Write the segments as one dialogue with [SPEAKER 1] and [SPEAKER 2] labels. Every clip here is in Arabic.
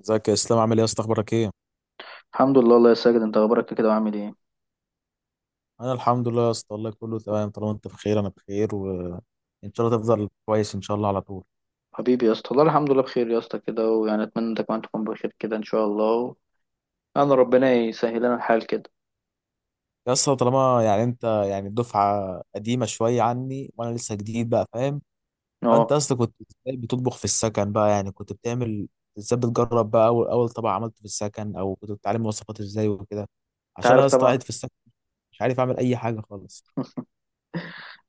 [SPEAKER 1] ازيك يا اسلام؟ عامل ايه يا اسطى؟ اخبارك ايه؟
[SPEAKER 2] الحمد لله الله يا ساجد، انت اخبارك كده وعامل ايه؟
[SPEAKER 1] انا الحمد لله يا اسطى، والله كله تمام. طالما انت بخير انا بخير، وان شاء الله تفضل كويس ان شاء الله على طول.
[SPEAKER 2] حبيبي يا اسطى، والله الحمد لله بخير يا اسطى كده، ويعني اتمنى انت كمان تكون بخير كده ان شاء الله. انا ربنا يسهل لنا الحال كده.
[SPEAKER 1] يا اسطى، طالما يعني انت يعني دفعه قديمه شويه عني وانا لسه جديد بقى، فاهم؟ فانت
[SPEAKER 2] اه.
[SPEAKER 1] اصلا كنت ازاي بتطبخ في السكن بقى؟ يعني كنت بتعمل ازاي؟ بتجرب بقى اول طبق عملته في السكن، او كنت بتتعلم وصفات ازاي وكده؟
[SPEAKER 2] انت
[SPEAKER 1] عشان انا
[SPEAKER 2] عارف
[SPEAKER 1] يا اسطى
[SPEAKER 2] طبعا.
[SPEAKER 1] قاعد في السكن، مش عارف اعمل اي حاجه خالص.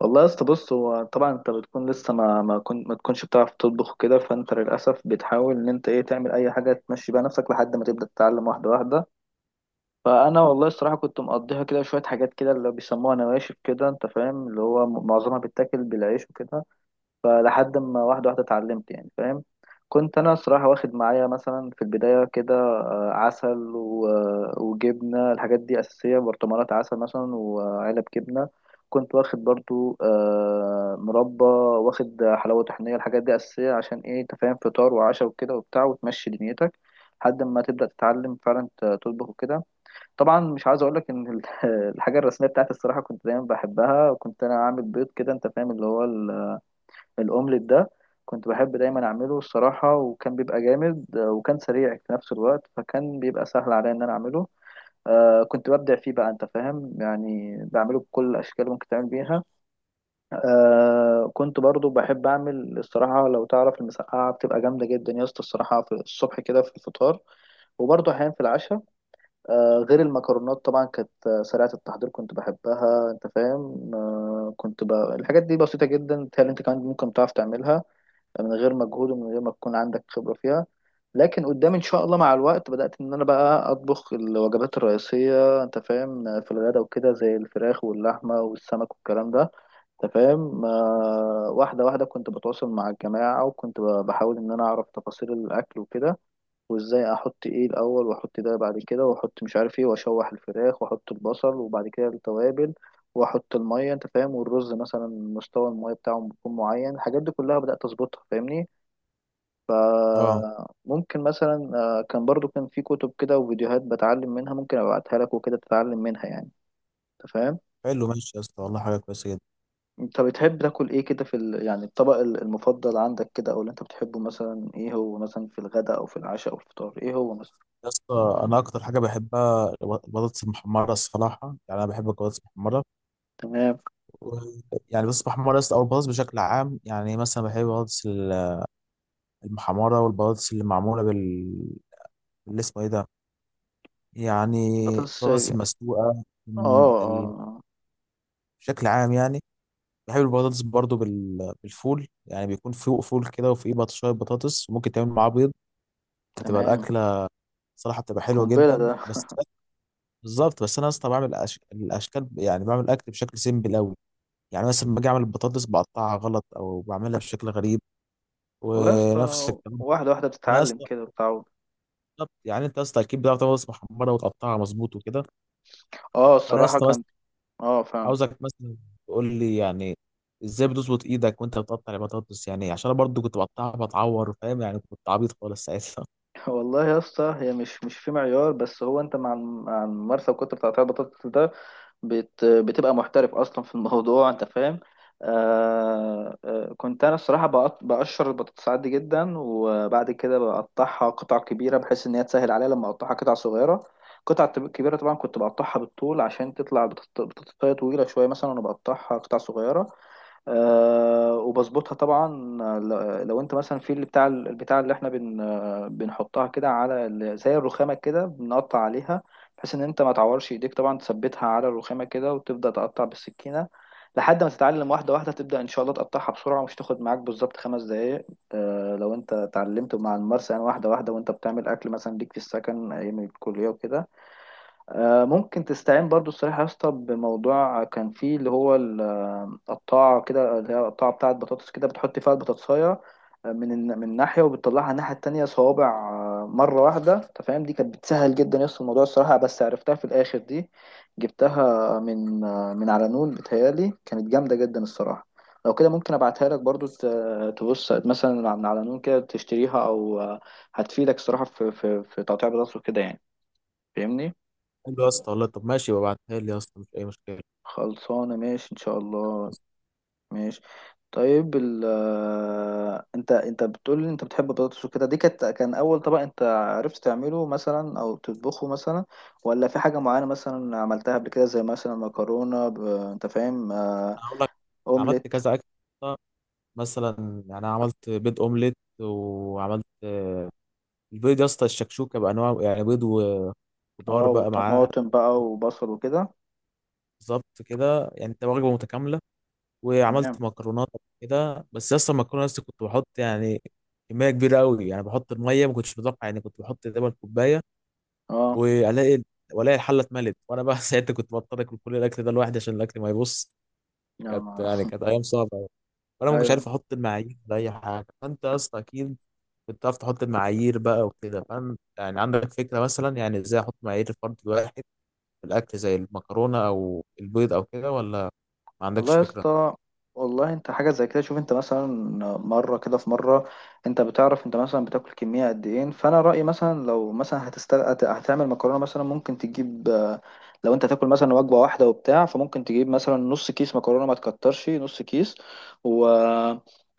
[SPEAKER 2] والله يا اسطى، بص، هو طبعا انت بتكون لسه ما تكونش بتعرف تطبخ كده، فانت للاسف بتحاول ان انت ايه تعمل اي حاجه تمشي بيها نفسك لحد ما تبدا تتعلم واحده واحده. فانا والله الصراحه كنت مقضيها كده شويه حاجات كده اللي بيسموها نواشف كده، انت فاهم، اللي هو معظمها بتاكل بالعيش وكده. فلحد ما واحدة واحدة اتعلمت، يعني فاهم. كنت أنا صراحة واخد معايا مثلا في البداية كده عسل وجبنة، الحاجات دي أساسية، برطمانات عسل مثلا وعلب جبنة. كنت واخد برضو مربى، واخد حلاوة طحينية، الحاجات دي أساسية عشان إيه، أنت فاهم، فطار وعشاء وكده وبتاع وتمشي دنيتك. لحد ما تبدأ تتعلم فعلا تطبخ وكده. طبعا مش عايز أقول لك إن الحاجة الرسمية بتاعتي الصراحة كنت دايما بحبها، وكنت أنا عامل بيض كده، أنت فاهم، اللي هو الأومليت ده. كنت بحب دايما أعمله الصراحة، وكان بيبقى جامد وكان سريع في نفس الوقت، فكان بيبقى سهل عليا إن أنا أعمله. كنت ببدع فيه بقى، أنت فاهم، يعني بعمله بكل الأشكال اللي ممكن تعمل بيها. كنت برضو بحب أعمل الصراحة، لو تعرف المسقعة بتبقى جامدة جدا يا اسطى الصراحة في الصبح كده في الفطار، وبرضو أحيانا في العشاء. غير المكرونات طبعا، كانت سريعة التحضير، كنت بحبها، أنت فاهم. الحاجات دي بسيطة جدا، بتهيألي أنت كمان ممكن تعرف تعملها من غير مجهود ومن غير ما تكون عندك خبرة فيها. لكن قدام ان شاء الله مع الوقت بدأت ان انا بقى اطبخ الوجبات الرئيسية، انت فاهم، في الغداء وكده، زي الفراخ واللحمة والسمك والكلام ده، انت فاهم، واحدة واحدة كنت بتواصل مع الجماعة، وكنت بحاول ان انا اعرف تفاصيل الاكل وكده. وازاي احط ايه الاول، واحط ده بعد كده، واحط مش عارف ايه، واشوح الفراخ واحط البصل وبعد كده التوابل واحط المية، انت فاهم، والرز مثلا مستوى المية بتاعه بيكون معين، الحاجات دي كلها بدأت اظبطها، فاهمني.
[SPEAKER 1] اه،
[SPEAKER 2] فممكن مثلا كان برضو كان في كتب كده وفيديوهات بتعلم منها، ممكن ابعتها لك وكده تتعلم منها يعني. انت فاهم.
[SPEAKER 1] حلو، ماشي يا اسطى والله، حاجه كويسه جدا.
[SPEAKER 2] انت بتحب تاكل ايه كده في يعني الطبق المفضل عندك كده، او اللي انت بتحبه مثلا، ايه هو مثلا في الغداء او في العشاء او الفطار، ايه هو مثلا؟
[SPEAKER 1] يا اسطى انا اكتر حاجه بحبها البطاطس المحمره الصراحه، يعني انا بحب البطاطس المحمره.
[SPEAKER 2] تمام.
[SPEAKER 1] و- يعني البطاطس المحمره يا اسطى، او البطاطس بشكل عام. يعني مثلا بحب المحمره، والبطاطس اللي معموله بال، اللي اسمه ايه ده؟ يعني
[SPEAKER 2] بطاطس،
[SPEAKER 1] البطاطس
[SPEAKER 2] اه.
[SPEAKER 1] المسلوقه
[SPEAKER 2] اه،
[SPEAKER 1] م- ال-
[SPEAKER 2] آه،
[SPEAKER 1] بشكل عام يعني. بحب البطاطس برضو بالفول، يعني بيكون فوق فول كده وفي شويه بطاطس، وممكن تعمل معاه بيض. بتبقى
[SPEAKER 2] تمام.
[SPEAKER 1] الاكله صراحه بتبقى حلوه
[SPEAKER 2] قنبلة
[SPEAKER 1] جدا.
[SPEAKER 2] ده!
[SPEAKER 1] بس بالظبط، بس انا يا اسطى بعمل الاشكال، يعني بعمل الاكل بشكل سيمبل قوي. يعني مثلا باجي اعمل البطاطس بقطعها غلط او بعملها بشكل غريب،
[SPEAKER 2] والله يا
[SPEAKER 1] ونفس
[SPEAKER 2] اسطى،
[SPEAKER 1] الكلام.
[SPEAKER 2] واحدة واحدة
[SPEAKER 1] انا يا
[SPEAKER 2] بتتعلم
[SPEAKER 1] اسطى
[SPEAKER 2] كده وتتعود.
[SPEAKER 1] بالظبط، يعني انت يا اسطى اكيد بتعرف تعمل بطاطس محمره وتقطعها مظبوط وكده.
[SPEAKER 2] اه
[SPEAKER 1] فانا يا
[SPEAKER 2] الصراحة
[SPEAKER 1] اسطى بس
[SPEAKER 2] كان. اه فاهم.
[SPEAKER 1] عاوزك مثلا تقول لي، يعني ازاي بتظبط ايدك وانت بتقطع البطاطس؟ يعني عشان انا برضو كنت بقطعها بتعور، فاهم؟ يعني كنت عبيط خالص ساعتها.
[SPEAKER 2] والله يا اسطى، هي مش في معيار، بس هو انت مع مع الممارسه وكتر بتاع البطاطس ده بتبقى محترف اصلا في الموضوع، انت فاهم. كنت انا الصراحه بقشر البطاطس عادي جدا، وبعد كده بقطعها قطع كبيره، بحيث ان هي تسهل عليا لما اقطعها قطع صغيره. قطع كبيره طبعا كنت بقطعها بالطول، عشان تطلع بطاطس بطاطساية طويله شويه مثلا، وانا بقطعها قطع صغيره. وبظبطها طبعا. لو انت مثلا في اللي بتاع البتاع اللي احنا بن آه، بنحطها كده على زي الرخامه كده، بنقطع عليها، بحيث ان انت ما تعورش ايديك، طبعا تثبتها على الرخامه كده وتبدا تقطع بالسكينه. لحد ما تتعلم واحده واحده، تبدا ان شاء الله تقطعها بسرعه، مش تاخد معاك بالظبط 5 دقائق. لو انت اتعلمت مع الممارسه، يعني واحده واحده، وانت بتعمل اكل مثلا ليك في السكن ايام الكليه وكده. ممكن تستعين برضو الصراحة يا اسطى بموضوع كان فيه اللي هو القطاعة كده، اللي هي القطاعة بتاعة بطاطس كده، بتحط فيها البطاطساية من ناحية وبتطلعها الناحية التانية صوابع مرة واحدة، أنت فاهم. دي كانت بتسهل جدا يا اسطى الموضوع الصراحة، بس عرفتها في الآخر دي، جبتها من على نون، بتهيالي كانت جامدة جدا الصراحة. لو كده ممكن ابعتها لك برضو تبص مثلا من على نون كده، تشتريها او هتفيدك الصراحة في تقطيع بطاطس وكده يعني، فاهمني.
[SPEAKER 1] قال له يا اسطى والله، طب ماشي ببعتها لي يا اسطى، مش اي مشكله.
[SPEAKER 2] خلصانة، ماشي إن شاء الله.
[SPEAKER 1] بس
[SPEAKER 2] ماشي. طيب ال آه، انت انت بتقول لي انت بتحب البطاطس وكده، دي كانت كان اول طبق انت عرفت تعمله مثلا او تطبخه مثلا؟ ولا في حاجة معينة مثلا عملتها قبل كده، زي مثلا مكرونة انت فاهم،
[SPEAKER 1] انا هقول لك، عملت
[SPEAKER 2] اومليت.
[SPEAKER 1] كذا اكل. مثلا يعني أنا عملت بيض اومليت، وعملت البيض يا اسطى الشكشوكه بانواع، يعني بيض خضار
[SPEAKER 2] اه،
[SPEAKER 1] بقى معاه.
[SPEAKER 2] وطماطم بقى وبصل وكده.
[SPEAKER 1] بالظبط كده، يعني انت وجبه متكامله.
[SPEAKER 2] تمام.
[SPEAKER 1] وعملت مكرونات قبل كده، بس اصلا المكرونه لسه كنت بحط يعني كميه كبيره قوي. يعني بحط الميه ما كنتش متوقع، يعني كنت بحط تقريبا كوبايه،
[SPEAKER 2] اه.
[SPEAKER 1] والاقي، والاقي الحله اتملت، وانا بقى ساعتها كنت بضطر اكل كل الاكل ده لوحدي عشان الاكل ما يبص.
[SPEAKER 2] يا
[SPEAKER 1] كانت
[SPEAKER 2] نهار!
[SPEAKER 1] يعني كانت ايام صعبه أوي. وانا ما كنتش
[SPEAKER 2] ايوه.
[SPEAKER 1] عارف احط المعايير لاي حاجه، فانت يا اسطى اكيد كنت عارف تحط المعايير بقى وكده، فاهم؟ يعني عندك فكره مثلا يعني ازاي احط معايير الفرد الواحد في الاكل زي المكرونه او البيض او كده، ولا ما عندكش
[SPEAKER 2] والله يا
[SPEAKER 1] فكرة؟
[SPEAKER 2] اسطى، والله انت حاجه زي كده، شوف انت مثلا مره كده في مره، انت بتعرف انت مثلا بتاكل كميه قد ايه؟ فانا رايي مثلا، لو مثلا هتعمل مكرونه مثلا، ممكن تجيب لو انت تاكل مثلا وجبه واحده وبتاع، فممكن تجيب مثلا نص كيس مكرونه، ما تكترش، نص كيس. و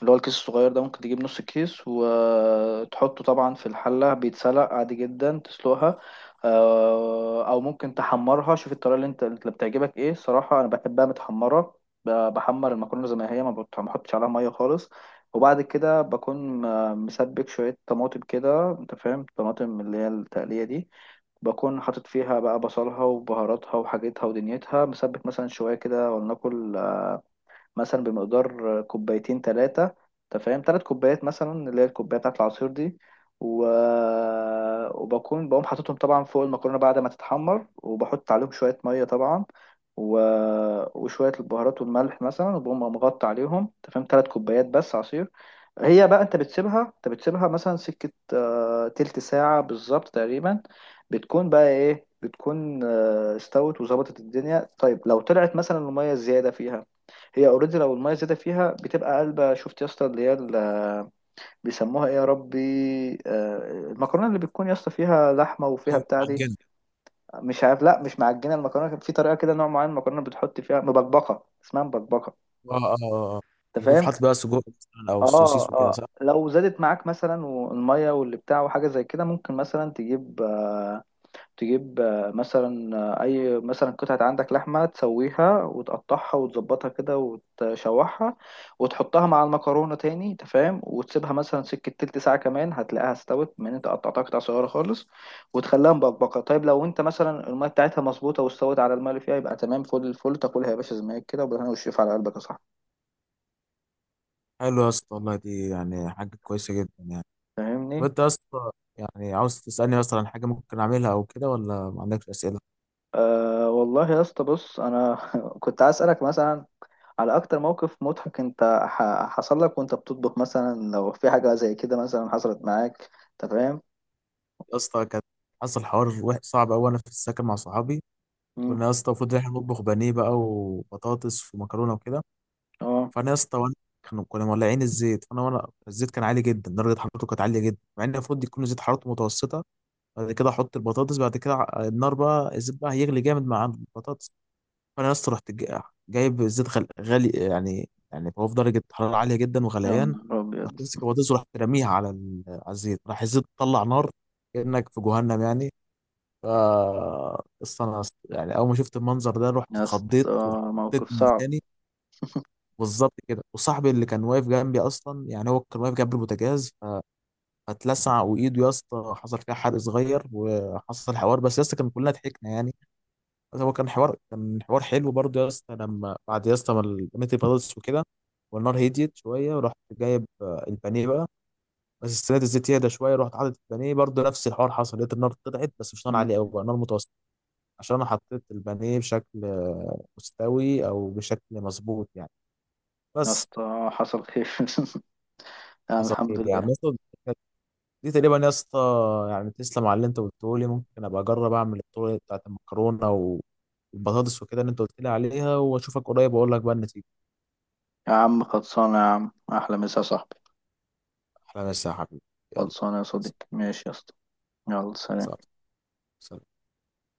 [SPEAKER 2] اللي هو الكيس الصغير ده، ممكن تجيب نص كيس وتحطه طبعا في الحله، بيتسلق عادي جدا، تسلقها او ممكن تحمرها، شوف الطريقه اللي انت اللي بتعجبك ايه، صراحه انا بحبها متحمره. بحمر المكرونه زي ما هي، ما بحطش عليها ميه خالص. وبعد كده بكون مسبك شويه طماطم كده، انت فاهم، طماطم اللي هي التقليه دي، بكون حاطط فيها بقى بصلها وبهاراتها وحاجتها ودنيتها، مسبك مثلا شويه كده، ولناكل مثلا بمقدار كوبايتين تلاتة، انت فاهم، 3 كوبايات مثلا، اللي هي الكوباية بتاعة العصير دي. و... وبكون بقوم حاططهم طبعا فوق المكرونة بعد ما تتحمر، وبحط عليهم شوية مية طبعا، و... وشوية البهارات والملح مثلا، وبقوم مغطي عليهم، انت فاهم، تلات كوبايات بس عصير. هي بقى انت بتسيبها، انت بتسيبها مثلا سكة تلت ساعة بالظبط تقريبا، بتكون بقى ايه، بتكون استوت وظبطت الدنيا. طيب لو طلعت مثلا المية الزيادة فيها، هي اوريدي لو الميه زادت فيها بتبقى قلبه، شفت يا اسطى، اللي هي بيسموها ايه يا ربي، آه، المكرونه اللي بتكون يا اسطى فيها لحمه وفيها
[SPEAKER 1] ايوه،
[SPEAKER 2] بتاع دي،
[SPEAKER 1] معجنه.
[SPEAKER 2] مش عارف، لا مش معجنه المكرونه، كان في طريقه كده، نوع معين المكرونه بتحط فيها مبكبقه، اسمها مبكبقه،
[SPEAKER 1] اه، اه، اه، آه.
[SPEAKER 2] انت
[SPEAKER 1] يكون في
[SPEAKER 2] فاهم.
[SPEAKER 1] حاطط بقى سجق مثلا او
[SPEAKER 2] اه
[SPEAKER 1] سوسيس وكده،
[SPEAKER 2] اه
[SPEAKER 1] صح؟
[SPEAKER 2] لو زادت معاك مثلا والميه واللي بتاع وحاجه زي كده، ممكن مثلا تجيب مثلا اي مثلا قطعة عندك لحمة، تسويها وتقطعها وتظبطها كده وتشوحها وتحطها مع المكرونة تاني، انت فاهم، وتسيبها مثلا سكة تلت ساعة كمان، هتلاقيها استوت من انت قطعتها قطع صغيرة خالص، وتخليها مبقبقة. طيب لو انت مثلا المية بتاعتها مظبوطة واستوت على المية اللي فيها، يبقى تمام فل الفل، تاكلها يا باشا زي ما هي كده وبالهنا والشفا على قلبك يا صاحبي،
[SPEAKER 1] حلو يا اسطى والله، دي يعني حاجة كويسة جدا يعني. طب
[SPEAKER 2] فاهمني.
[SPEAKER 1] انت يا اسطى يعني عاوز تسألني مثلا عن حاجة ممكن اعملها او كده، ولا ما عندكش أسئلة؟
[SPEAKER 2] والله يا اسطى بص انا كنت عايز اسالك مثلا على اكتر موقف مضحك انت حصل لك وانت بتطبخ مثلا، لو في حاجة زي كده مثلا حصلت معاك، انت فاهم.
[SPEAKER 1] يا اسطى كان حصل حوار صعب قوي انا في السكن مع صحابي.
[SPEAKER 2] مم.
[SPEAKER 1] كنا يا اسطى المفروض إن احنا نطبخ بانيه بقى، وبطاطس ومكرونة وكده.
[SPEAKER 2] اه
[SPEAKER 1] فانا يا اسطى وانا، كنا مولعين الزيت، فانا وانا الزيت كان عالي جدا، درجة حرارته كانت عالية جدا، مع ان المفروض يكون زيت حرارته متوسطة. بعد كده احط البطاطس، بعد كده النار بقى الزيت بقى هيغلي جامد مع البطاطس. فانا يا اسطى رحت جايب زيت غالي، يعني يعني هو في درجه حراره عاليه جدا
[SPEAKER 2] يا
[SPEAKER 1] وغليان.
[SPEAKER 2] نهار
[SPEAKER 1] رحت
[SPEAKER 2] ابيض،
[SPEAKER 1] ماسك البطاطس، ورحت راميها على على الزيت، راح الزيت طلع نار، كانك في جهنم يعني. ف أصل انا يعني اول ما شفت المنظر ده رحت
[SPEAKER 2] يا
[SPEAKER 1] اتخضيت
[SPEAKER 2] اسطى
[SPEAKER 1] ورحت حطيت
[SPEAKER 2] موقف صعب.
[SPEAKER 1] مكاني. بالظبط كده، وصاحبي اللي كان واقف جنبي اصلا، يعني هو كان واقف جنب البوتاجاز، اتلسع وايده يا اسطى، حصل فيها حرق صغير، وحصل حوار، بس يا اسطى كان كلنا ضحكنا يعني. بس هو كان حوار، كان حوار حلو برضه يا اسطى. لما بعد يا اسطى ما البانيه خلص وكده والنار هديت شويه، ورحت جايب البانيه بقى، بس استنيت الزيت يهدى شويه، رحت حاطط البانيه، برضه نفس الحوار حصل، لقيت النار طلعت بس مش نار عاليه قوي،
[SPEAKER 2] مم.
[SPEAKER 1] بقى نار متوسطه، عشان انا حطيت البانيه بشكل مستوي او بشكل مظبوط يعني.
[SPEAKER 2] يا
[SPEAKER 1] بس
[SPEAKER 2] اسطى حصل خير يعني
[SPEAKER 1] حصل
[SPEAKER 2] الحمد
[SPEAKER 1] خير يعني.
[SPEAKER 2] لله.
[SPEAKER 1] دي تقريبا يا اسطى. يعني تسلم على اللي انت قلته لي، ممكن ابقى اجرب اعمل الطرق بتاعت المكرونه والبطاطس وكده اللي انت قلت لي عليها، واشوفك قريب واقول لك بقى النتيجه.
[SPEAKER 2] يا عم خلصانة، يا عم احلى مسا يا صاحبي.
[SPEAKER 1] احلى مسا يا حبيبي. يلا،
[SPEAKER 2] خلصانة يا صديقي، ماشي يا اسطى. يلا سلام.
[SPEAKER 1] سلام. سلام.